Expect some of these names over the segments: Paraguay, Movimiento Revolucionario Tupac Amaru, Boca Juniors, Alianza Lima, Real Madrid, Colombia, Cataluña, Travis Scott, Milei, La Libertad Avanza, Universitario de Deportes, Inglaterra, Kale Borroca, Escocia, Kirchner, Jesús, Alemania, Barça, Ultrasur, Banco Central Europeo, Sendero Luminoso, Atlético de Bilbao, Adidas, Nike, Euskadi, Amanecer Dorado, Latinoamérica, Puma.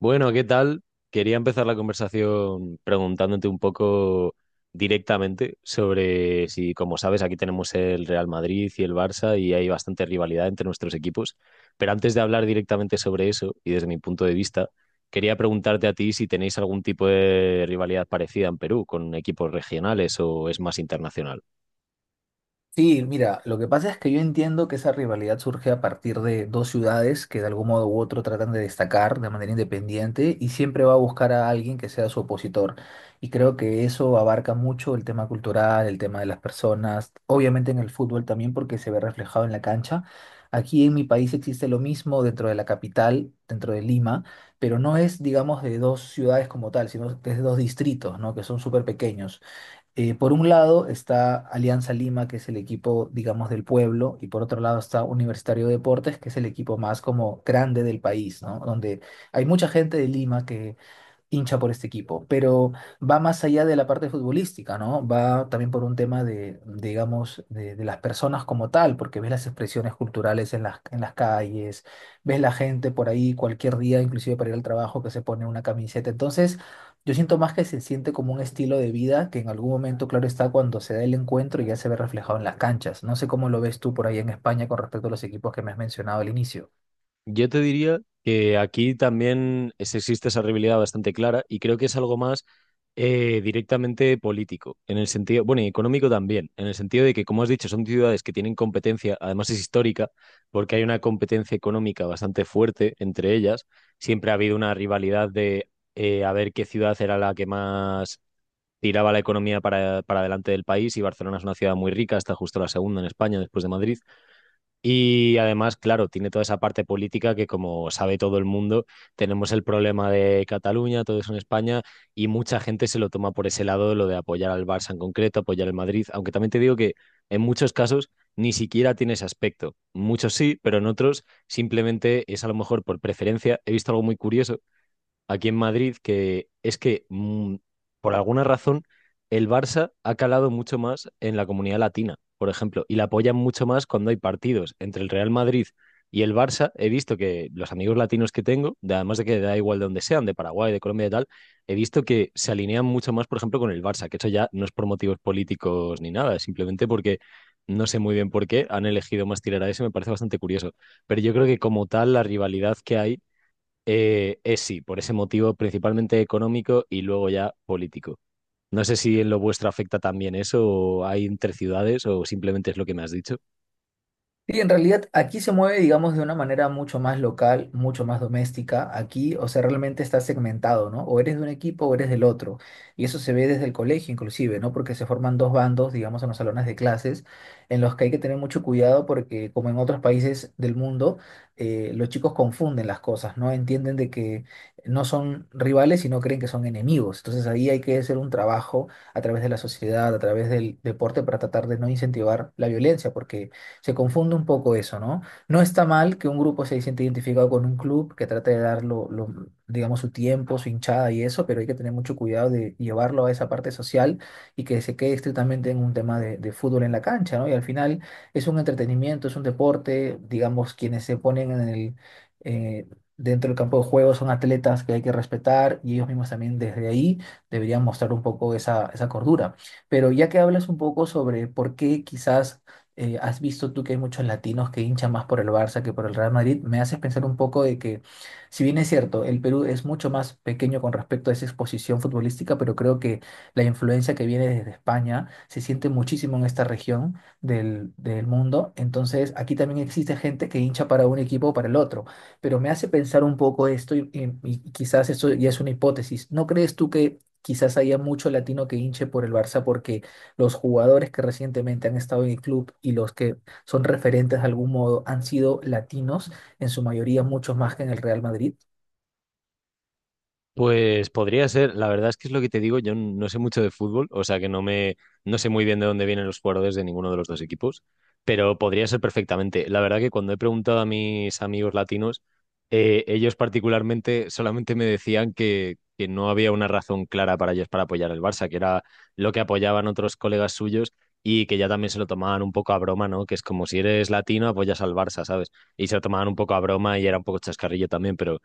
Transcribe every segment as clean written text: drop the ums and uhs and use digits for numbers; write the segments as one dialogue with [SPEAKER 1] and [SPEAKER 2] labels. [SPEAKER 1] Bueno, ¿qué tal? Quería empezar la conversación preguntándote un poco directamente sobre si, como sabes, aquí tenemos el Real Madrid y el Barça y hay bastante rivalidad entre nuestros equipos. Pero antes de hablar directamente sobre eso, y desde mi punto de vista, quería preguntarte a ti si tenéis algún tipo de rivalidad parecida en Perú con equipos regionales o es más internacional.
[SPEAKER 2] Sí, mira, lo que pasa es que yo entiendo que esa rivalidad surge a partir de dos ciudades que de algún modo u otro tratan de destacar de manera independiente y siempre va a buscar a alguien que sea su opositor. Y creo que eso abarca mucho el tema cultural, el tema de las personas, obviamente en el fútbol también porque se ve reflejado en la cancha. Aquí en mi país existe lo mismo dentro de la capital, dentro de Lima, pero no es, digamos, de dos ciudades como tal, sino que es de dos distritos, ¿no? Que son súper pequeños. Por un lado está Alianza Lima, que es el equipo, digamos, del pueblo, y por otro lado está Universitario de Deportes, que es el equipo más como grande del país, ¿no? Donde hay mucha gente de Lima que hincha por este equipo, pero va más allá de la parte futbolística, ¿no? Va también por un tema de, digamos, de las personas como tal, porque ves las expresiones culturales en las calles, ves la gente por ahí cualquier día, inclusive para ir al trabajo, que se pone una camiseta. Entonces, yo siento más que se siente como un estilo de vida que en algún momento, claro está, cuando se da el encuentro ya se ve reflejado en las canchas. No sé cómo lo ves tú por ahí en España con respecto a los equipos que me has mencionado al inicio.
[SPEAKER 1] Yo te diría que aquí también existe esa rivalidad bastante clara y creo que es algo más directamente político, en el sentido, bueno, y económico también, en el sentido de que, como has dicho, son ciudades que tienen competencia, además es histórica, porque hay una competencia económica bastante fuerte entre ellas. Siempre ha habido una rivalidad de a ver qué ciudad era la que más tiraba la economía para adelante del país y Barcelona es una ciudad muy rica, está justo la segunda en España después de Madrid. Y además, claro, tiene toda esa parte política que, como sabe todo el mundo, tenemos el problema de Cataluña, todo eso en España, y mucha gente se lo toma por ese lado, lo de apoyar al Barça en concreto, apoyar al Madrid, aunque también te digo que en muchos casos ni siquiera tiene ese aspecto. Muchos sí, pero en otros simplemente es a lo mejor por preferencia. He visto algo muy curioso aquí en Madrid, que es que por alguna razón el Barça ha calado mucho más en la comunidad latina, por ejemplo, y la apoyan mucho más cuando hay partidos entre el Real Madrid y el Barça. He visto que los amigos latinos que tengo, además de que da igual de donde sean, de Paraguay, de Colombia y tal, he visto que se alinean mucho más, por ejemplo, con el Barça, que eso ya no es por motivos políticos ni nada, es simplemente porque no sé muy bien por qué han elegido más tirar a eso, me parece bastante curioso. Pero yo creo que como tal, la rivalidad que hay sí, por ese motivo principalmente económico y luego ya político. No sé si en lo vuestro afecta también eso, o hay entre ciudades, o simplemente es lo que me has dicho.
[SPEAKER 2] Sí, en realidad aquí se mueve, digamos, de una manera mucho más local, mucho más doméstica. Aquí, o sea, realmente está segmentado, ¿no? O eres de un equipo o eres del otro. Y eso se ve desde el colegio, inclusive, ¿no? Porque se forman dos bandos, digamos, en los salones de clases, en los que hay que tener mucho cuidado porque, como en otros países del mundo, los chicos confunden las cosas, ¿no? Entienden de que no son rivales, sino creen que son enemigos. Entonces ahí hay que hacer un trabajo a través de la sociedad, a través del deporte, para tratar de no incentivar la violencia, porque se confunde un poco eso, ¿no? No está mal que un grupo se siente identificado con un club, que trate de dar digamos, su tiempo, su hinchada y eso, pero hay que tener mucho cuidado de llevarlo a esa parte social y que se quede estrictamente en un tema de fútbol en la cancha, ¿no? Y al final es un entretenimiento, es un deporte, digamos, quienes se ponen en el... eh, dentro del campo de juego son atletas que hay que respetar y ellos mismos también desde ahí deberían mostrar un poco esa cordura. Pero ya que hablas un poco sobre por qué quizás has visto tú que hay muchos latinos que hinchan más por el Barça que por el Real Madrid, me haces pensar un poco de que, si bien es cierto, el Perú es mucho más pequeño con respecto a esa exposición futbolística, pero creo que la influencia que viene desde España se siente muchísimo en esta región del mundo. Entonces, aquí también existe gente que hincha para un equipo o para el otro. Pero me hace pensar un poco esto y quizás esto ya es una hipótesis. ¿No crees tú que... Quizás haya mucho latino que hinche por el Barça porque los jugadores que recientemente han estado en el club y los que son referentes de algún modo han sido latinos, en su mayoría muchos más que en el Real Madrid.
[SPEAKER 1] Pues podría ser, la verdad es que es lo que te digo, yo no sé mucho de fútbol, o sea que no sé muy bien de dónde vienen los jugadores de ninguno de los dos equipos, pero podría ser perfectamente. La verdad que cuando he preguntado a mis amigos latinos, ellos particularmente solamente me decían que no había una razón clara para ellos para apoyar al Barça, que era lo que apoyaban otros colegas suyos y que ya también se lo tomaban un poco a broma, ¿no? Que es como si eres latino, apoyas al Barça, ¿sabes? Y se lo tomaban un poco a broma y era un poco chascarrillo también, pero.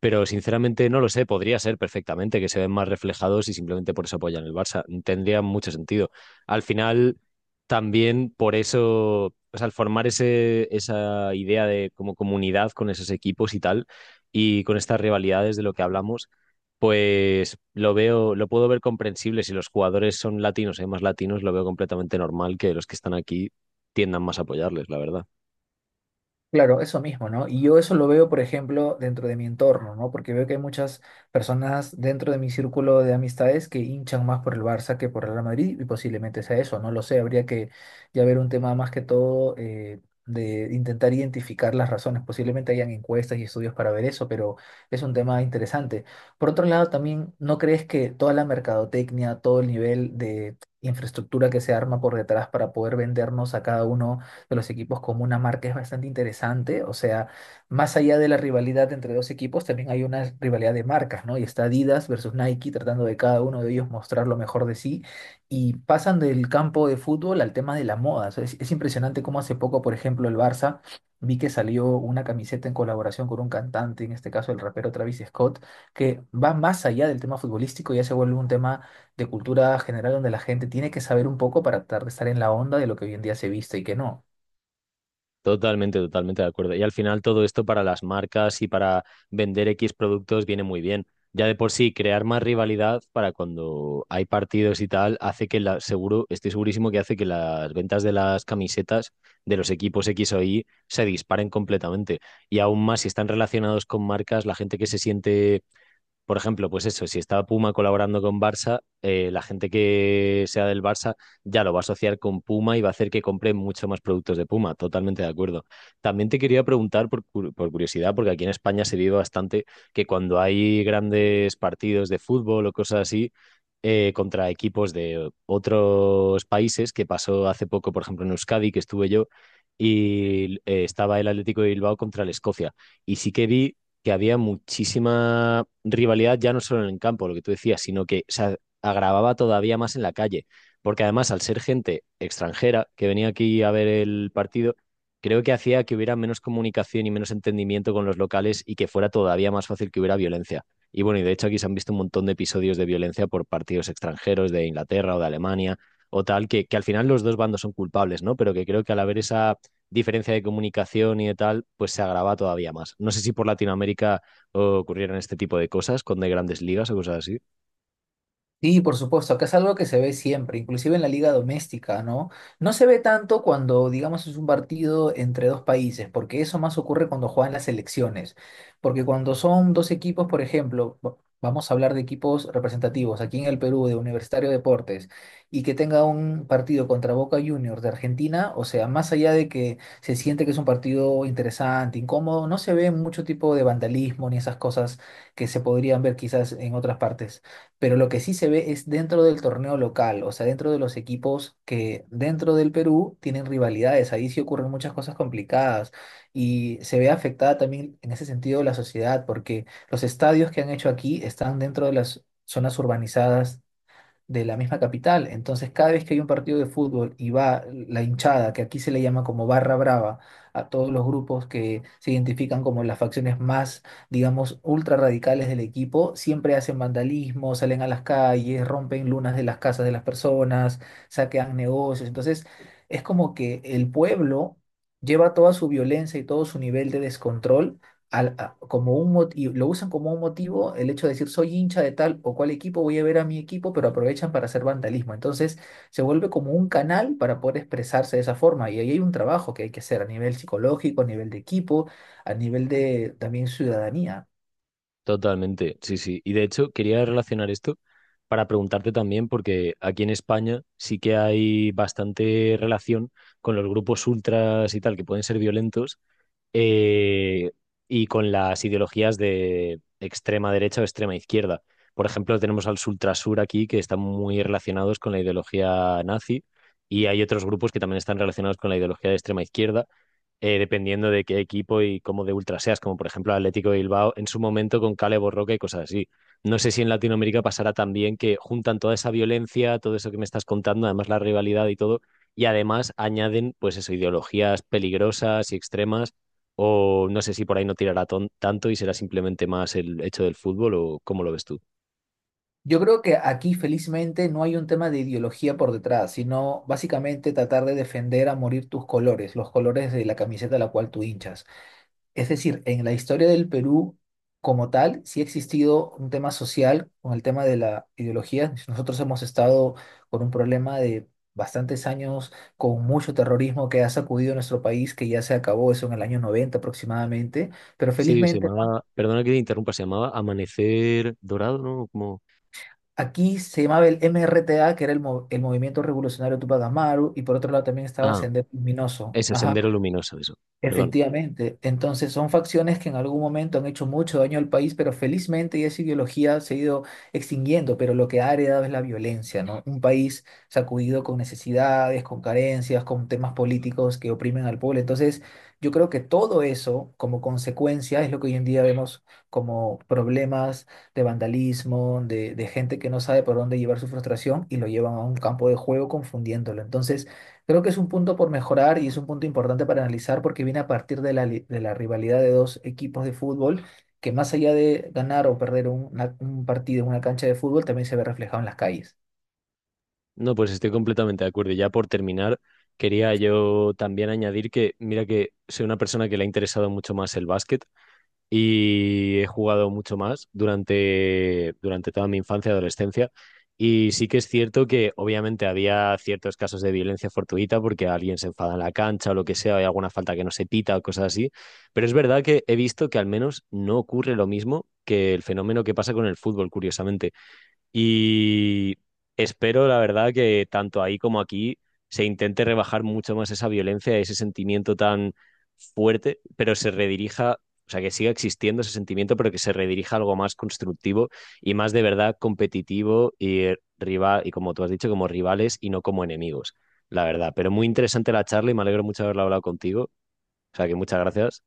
[SPEAKER 1] Pero sinceramente no lo sé, podría ser perfectamente que se ven más reflejados y simplemente por eso apoyan el Barça. Tendría mucho sentido. Al final, también por eso, o sea, al formar esa idea de como comunidad con esos equipos y tal, y con estas rivalidades de lo que hablamos, pues lo veo, lo puedo ver comprensible. Si los jugadores son latinos, hay más latinos, lo veo completamente normal que los que están aquí tiendan más a apoyarles, la verdad.
[SPEAKER 2] Claro, eso mismo, ¿no? Y yo eso lo veo, por ejemplo, dentro de mi entorno, ¿no? Porque veo que hay muchas personas dentro de mi círculo de amistades que hinchan más por el Barça que por el Real Madrid y posiblemente sea eso, no lo sé, habría que ya ver un tema más que todo de intentar identificar las razones. Posiblemente hayan encuestas y estudios para ver eso, pero es un tema interesante. Por otro lado, también, ¿no crees que toda la mercadotecnia, todo el nivel de infraestructura que se arma por detrás para poder vendernos a cada uno de los equipos como una marca es bastante interesante? O sea, más allá de la rivalidad entre dos equipos, también hay una rivalidad de marcas, ¿no? Y está Adidas versus Nike tratando de cada uno de ellos mostrar lo mejor de sí. Y pasan del campo de fútbol al tema de la moda. O sea, es impresionante cómo hace poco, por ejemplo, el Barça, vi que salió una camiseta en colaboración con un cantante, en este caso el rapero Travis Scott, que va más allá del tema futbolístico, ya se vuelve un tema de cultura general donde la gente tiene que saber un poco para tratar de estar en la onda de lo que hoy en día se viste y que no.
[SPEAKER 1] Totalmente, totalmente de acuerdo. Y al final todo esto para las marcas y para vender X productos viene muy bien. Ya de por sí, crear más rivalidad para cuando hay partidos y tal, hace que la, seguro, estoy segurísimo que hace que las ventas de las camisetas de los equipos X o Y se disparen completamente. Y aún más si están relacionados con marcas, la gente que se siente por ejemplo, pues eso, si está Puma colaborando con Barça, la gente que sea del Barça ya lo va a asociar con Puma y va a hacer que compre mucho más productos de Puma. Totalmente de acuerdo. También te quería preguntar por, por curiosidad, porque aquí en España se vive bastante que cuando hay grandes partidos de fútbol o cosas así, contra equipos de otros países, que pasó hace poco, por ejemplo, en Euskadi, que estuve yo, y estaba el Atlético de Bilbao contra el Escocia. Y sí que vi que había muchísima rivalidad, ya no solo en el campo, lo que tú decías, sino que se agravaba todavía más en la calle. Porque además, al ser gente extranjera que venía aquí a ver el partido, creo que hacía que hubiera menos comunicación y menos entendimiento con los locales y que fuera todavía más fácil que hubiera violencia. Y bueno, y de hecho aquí se han visto un montón de episodios de violencia por partidos extranjeros de Inglaterra o de Alemania o tal, que al final los dos bandos son culpables, ¿no? Pero que creo que al haber esa diferencia de comunicación y de tal, pues se agrava todavía más. No sé si por Latinoamérica oh, ocurrieran este tipo de cosas con de grandes ligas o cosas así.
[SPEAKER 2] Sí, por supuesto, acá es algo que se ve siempre, inclusive en la liga doméstica, ¿no? No se ve tanto cuando, digamos, es un partido entre dos países, porque eso más ocurre cuando juegan las selecciones, porque cuando son dos equipos, por ejemplo, vamos a hablar de equipos representativos aquí en el Perú, de Universitario de Deportes, y que tenga un partido contra Boca Juniors de Argentina, o sea, más allá de que se siente que es un partido interesante, incómodo, no se ve mucho tipo de vandalismo ni esas cosas que se podrían ver quizás en otras partes, pero lo que sí se ve es dentro del torneo local, o sea, dentro de los equipos que dentro del Perú tienen rivalidades, ahí sí ocurren muchas cosas complicadas y se ve afectada también en ese sentido la sociedad, porque los estadios que han hecho aquí están dentro de las zonas urbanizadas de la misma capital. Entonces, cada vez que hay un partido de fútbol y va la hinchada, que aquí se le llama como barra brava, a todos los grupos que se identifican como las facciones más, digamos, ultra radicales del equipo, siempre hacen vandalismo, salen a las calles, rompen lunas de las casas de las personas, saquean negocios. Entonces, es como que el pueblo lleva toda su violencia y todo su nivel de descontrol como un mot- y Lo usan como un motivo el hecho de decir soy hincha de tal o cual equipo, voy a ver a mi equipo, pero aprovechan para hacer vandalismo. Entonces se vuelve como un canal para poder expresarse de esa forma y ahí hay un trabajo que hay que hacer a nivel psicológico, a nivel de equipo, a nivel de también ciudadanía.
[SPEAKER 1] Totalmente, sí, sí. Y de hecho, quería relacionar esto para preguntarte también, porque aquí en España sí que hay bastante relación con los grupos ultras y tal, que pueden ser violentos, eh, y con las ideologías de extrema derecha o extrema izquierda. Por ejemplo, tenemos al Ultrasur aquí que están muy relacionados con la ideología nazi y hay otros grupos que también están relacionados con la ideología de extrema izquierda, dependiendo de qué equipo y cómo de ultra seas, como por ejemplo Atlético de Bilbao en su momento con Kale Borroca y cosas así. No sé si en Latinoamérica pasará también que juntan toda esa violencia, todo eso que me estás contando, además la rivalidad y todo, y además añaden pues eso, ideologías peligrosas y extremas o no sé si por ahí no tirará tanto y será simplemente más el hecho del fútbol o cómo lo ves tú.
[SPEAKER 2] Yo creo que aquí felizmente no hay un tema de ideología por detrás, sino básicamente tratar de defender a morir tus colores, los colores de la camiseta a la cual tú hinchas. Es decir, en la historia del Perú como tal, sí ha existido un tema social con el tema de la ideología. Nosotros hemos estado con un problema de bastantes años, con mucho terrorismo que ha sacudido nuestro país, que ya se acabó eso en el año 1990 aproximadamente. Pero
[SPEAKER 1] Sí, se
[SPEAKER 2] felizmente, Juan,
[SPEAKER 1] llamaba, perdona que te interrumpa, se llamaba Amanecer Dorado, ¿no? Como,
[SPEAKER 2] aquí se llamaba el MRTA, que era el Movimiento Revolucionario Tupac Amaru, y por otro lado también estaba
[SPEAKER 1] ah,
[SPEAKER 2] Sendero Luminoso.
[SPEAKER 1] eso,
[SPEAKER 2] Ajá.
[SPEAKER 1] Sendero Luminoso, eso, perdón.
[SPEAKER 2] Efectivamente, entonces son facciones que en algún momento han hecho mucho daño al país, pero felizmente esa ideología se ha ido extinguiendo, pero lo que ha heredado es la violencia, ¿no? Un país sacudido con necesidades, con carencias, con temas políticos que oprimen al pueblo. Entonces, yo creo que todo eso, como consecuencia, es lo que hoy en día vemos como problemas de vandalismo, de gente que no sabe por dónde llevar su frustración y lo llevan a un campo de juego confundiéndolo. Entonces, creo que es un punto por mejorar y es un punto importante para analizar porque viene a partir de la, de la rivalidad de dos equipos de fútbol que más allá de ganar o perder un partido en una cancha de fútbol también se ve reflejado en las calles.
[SPEAKER 1] No, pues estoy completamente de acuerdo. Y ya por terminar, quería yo también añadir que, mira que soy una persona que le ha interesado mucho más el básquet y he jugado mucho más durante toda mi infancia y adolescencia. Y sí que es cierto que obviamente había ciertos casos de violencia fortuita porque alguien se enfada en la cancha o lo que sea, hay alguna falta que no se pita o cosas así, pero es verdad que he visto que al menos no ocurre lo mismo que el fenómeno que pasa con el fútbol, curiosamente. Y espero, la verdad, que tanto ahí como aquí se intente rebajar mucho más esa violencia, ese sentimiento tan fuerte, pero se redirija, o sea, que siga existiendo ese sentimiento, pero que se redirija a algo más constructivo y más de verdad competitivo y rival, y como tú has dicho, como rivales y no como enemigos, la verdad. Pero muy interesante la charla y me alegro mucho de haberla hablado contigo. O sea, que muchas gracias.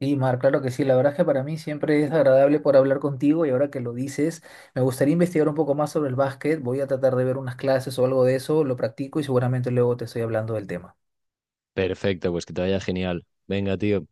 [SPEAKER 2] Y Mar, claro que sí, la verdad es que para mí siempre es agradable por hablar contigo y ahora que lo dices, me gustaría investigar un poco más sobre el básquet, voy a tratar de ver unas clases o algo de eso, lo practico y seguramente luego te estoy hablando del tema.
[SPEAKER 1] Perfecto, pues que te vaya genial. Venga, tío.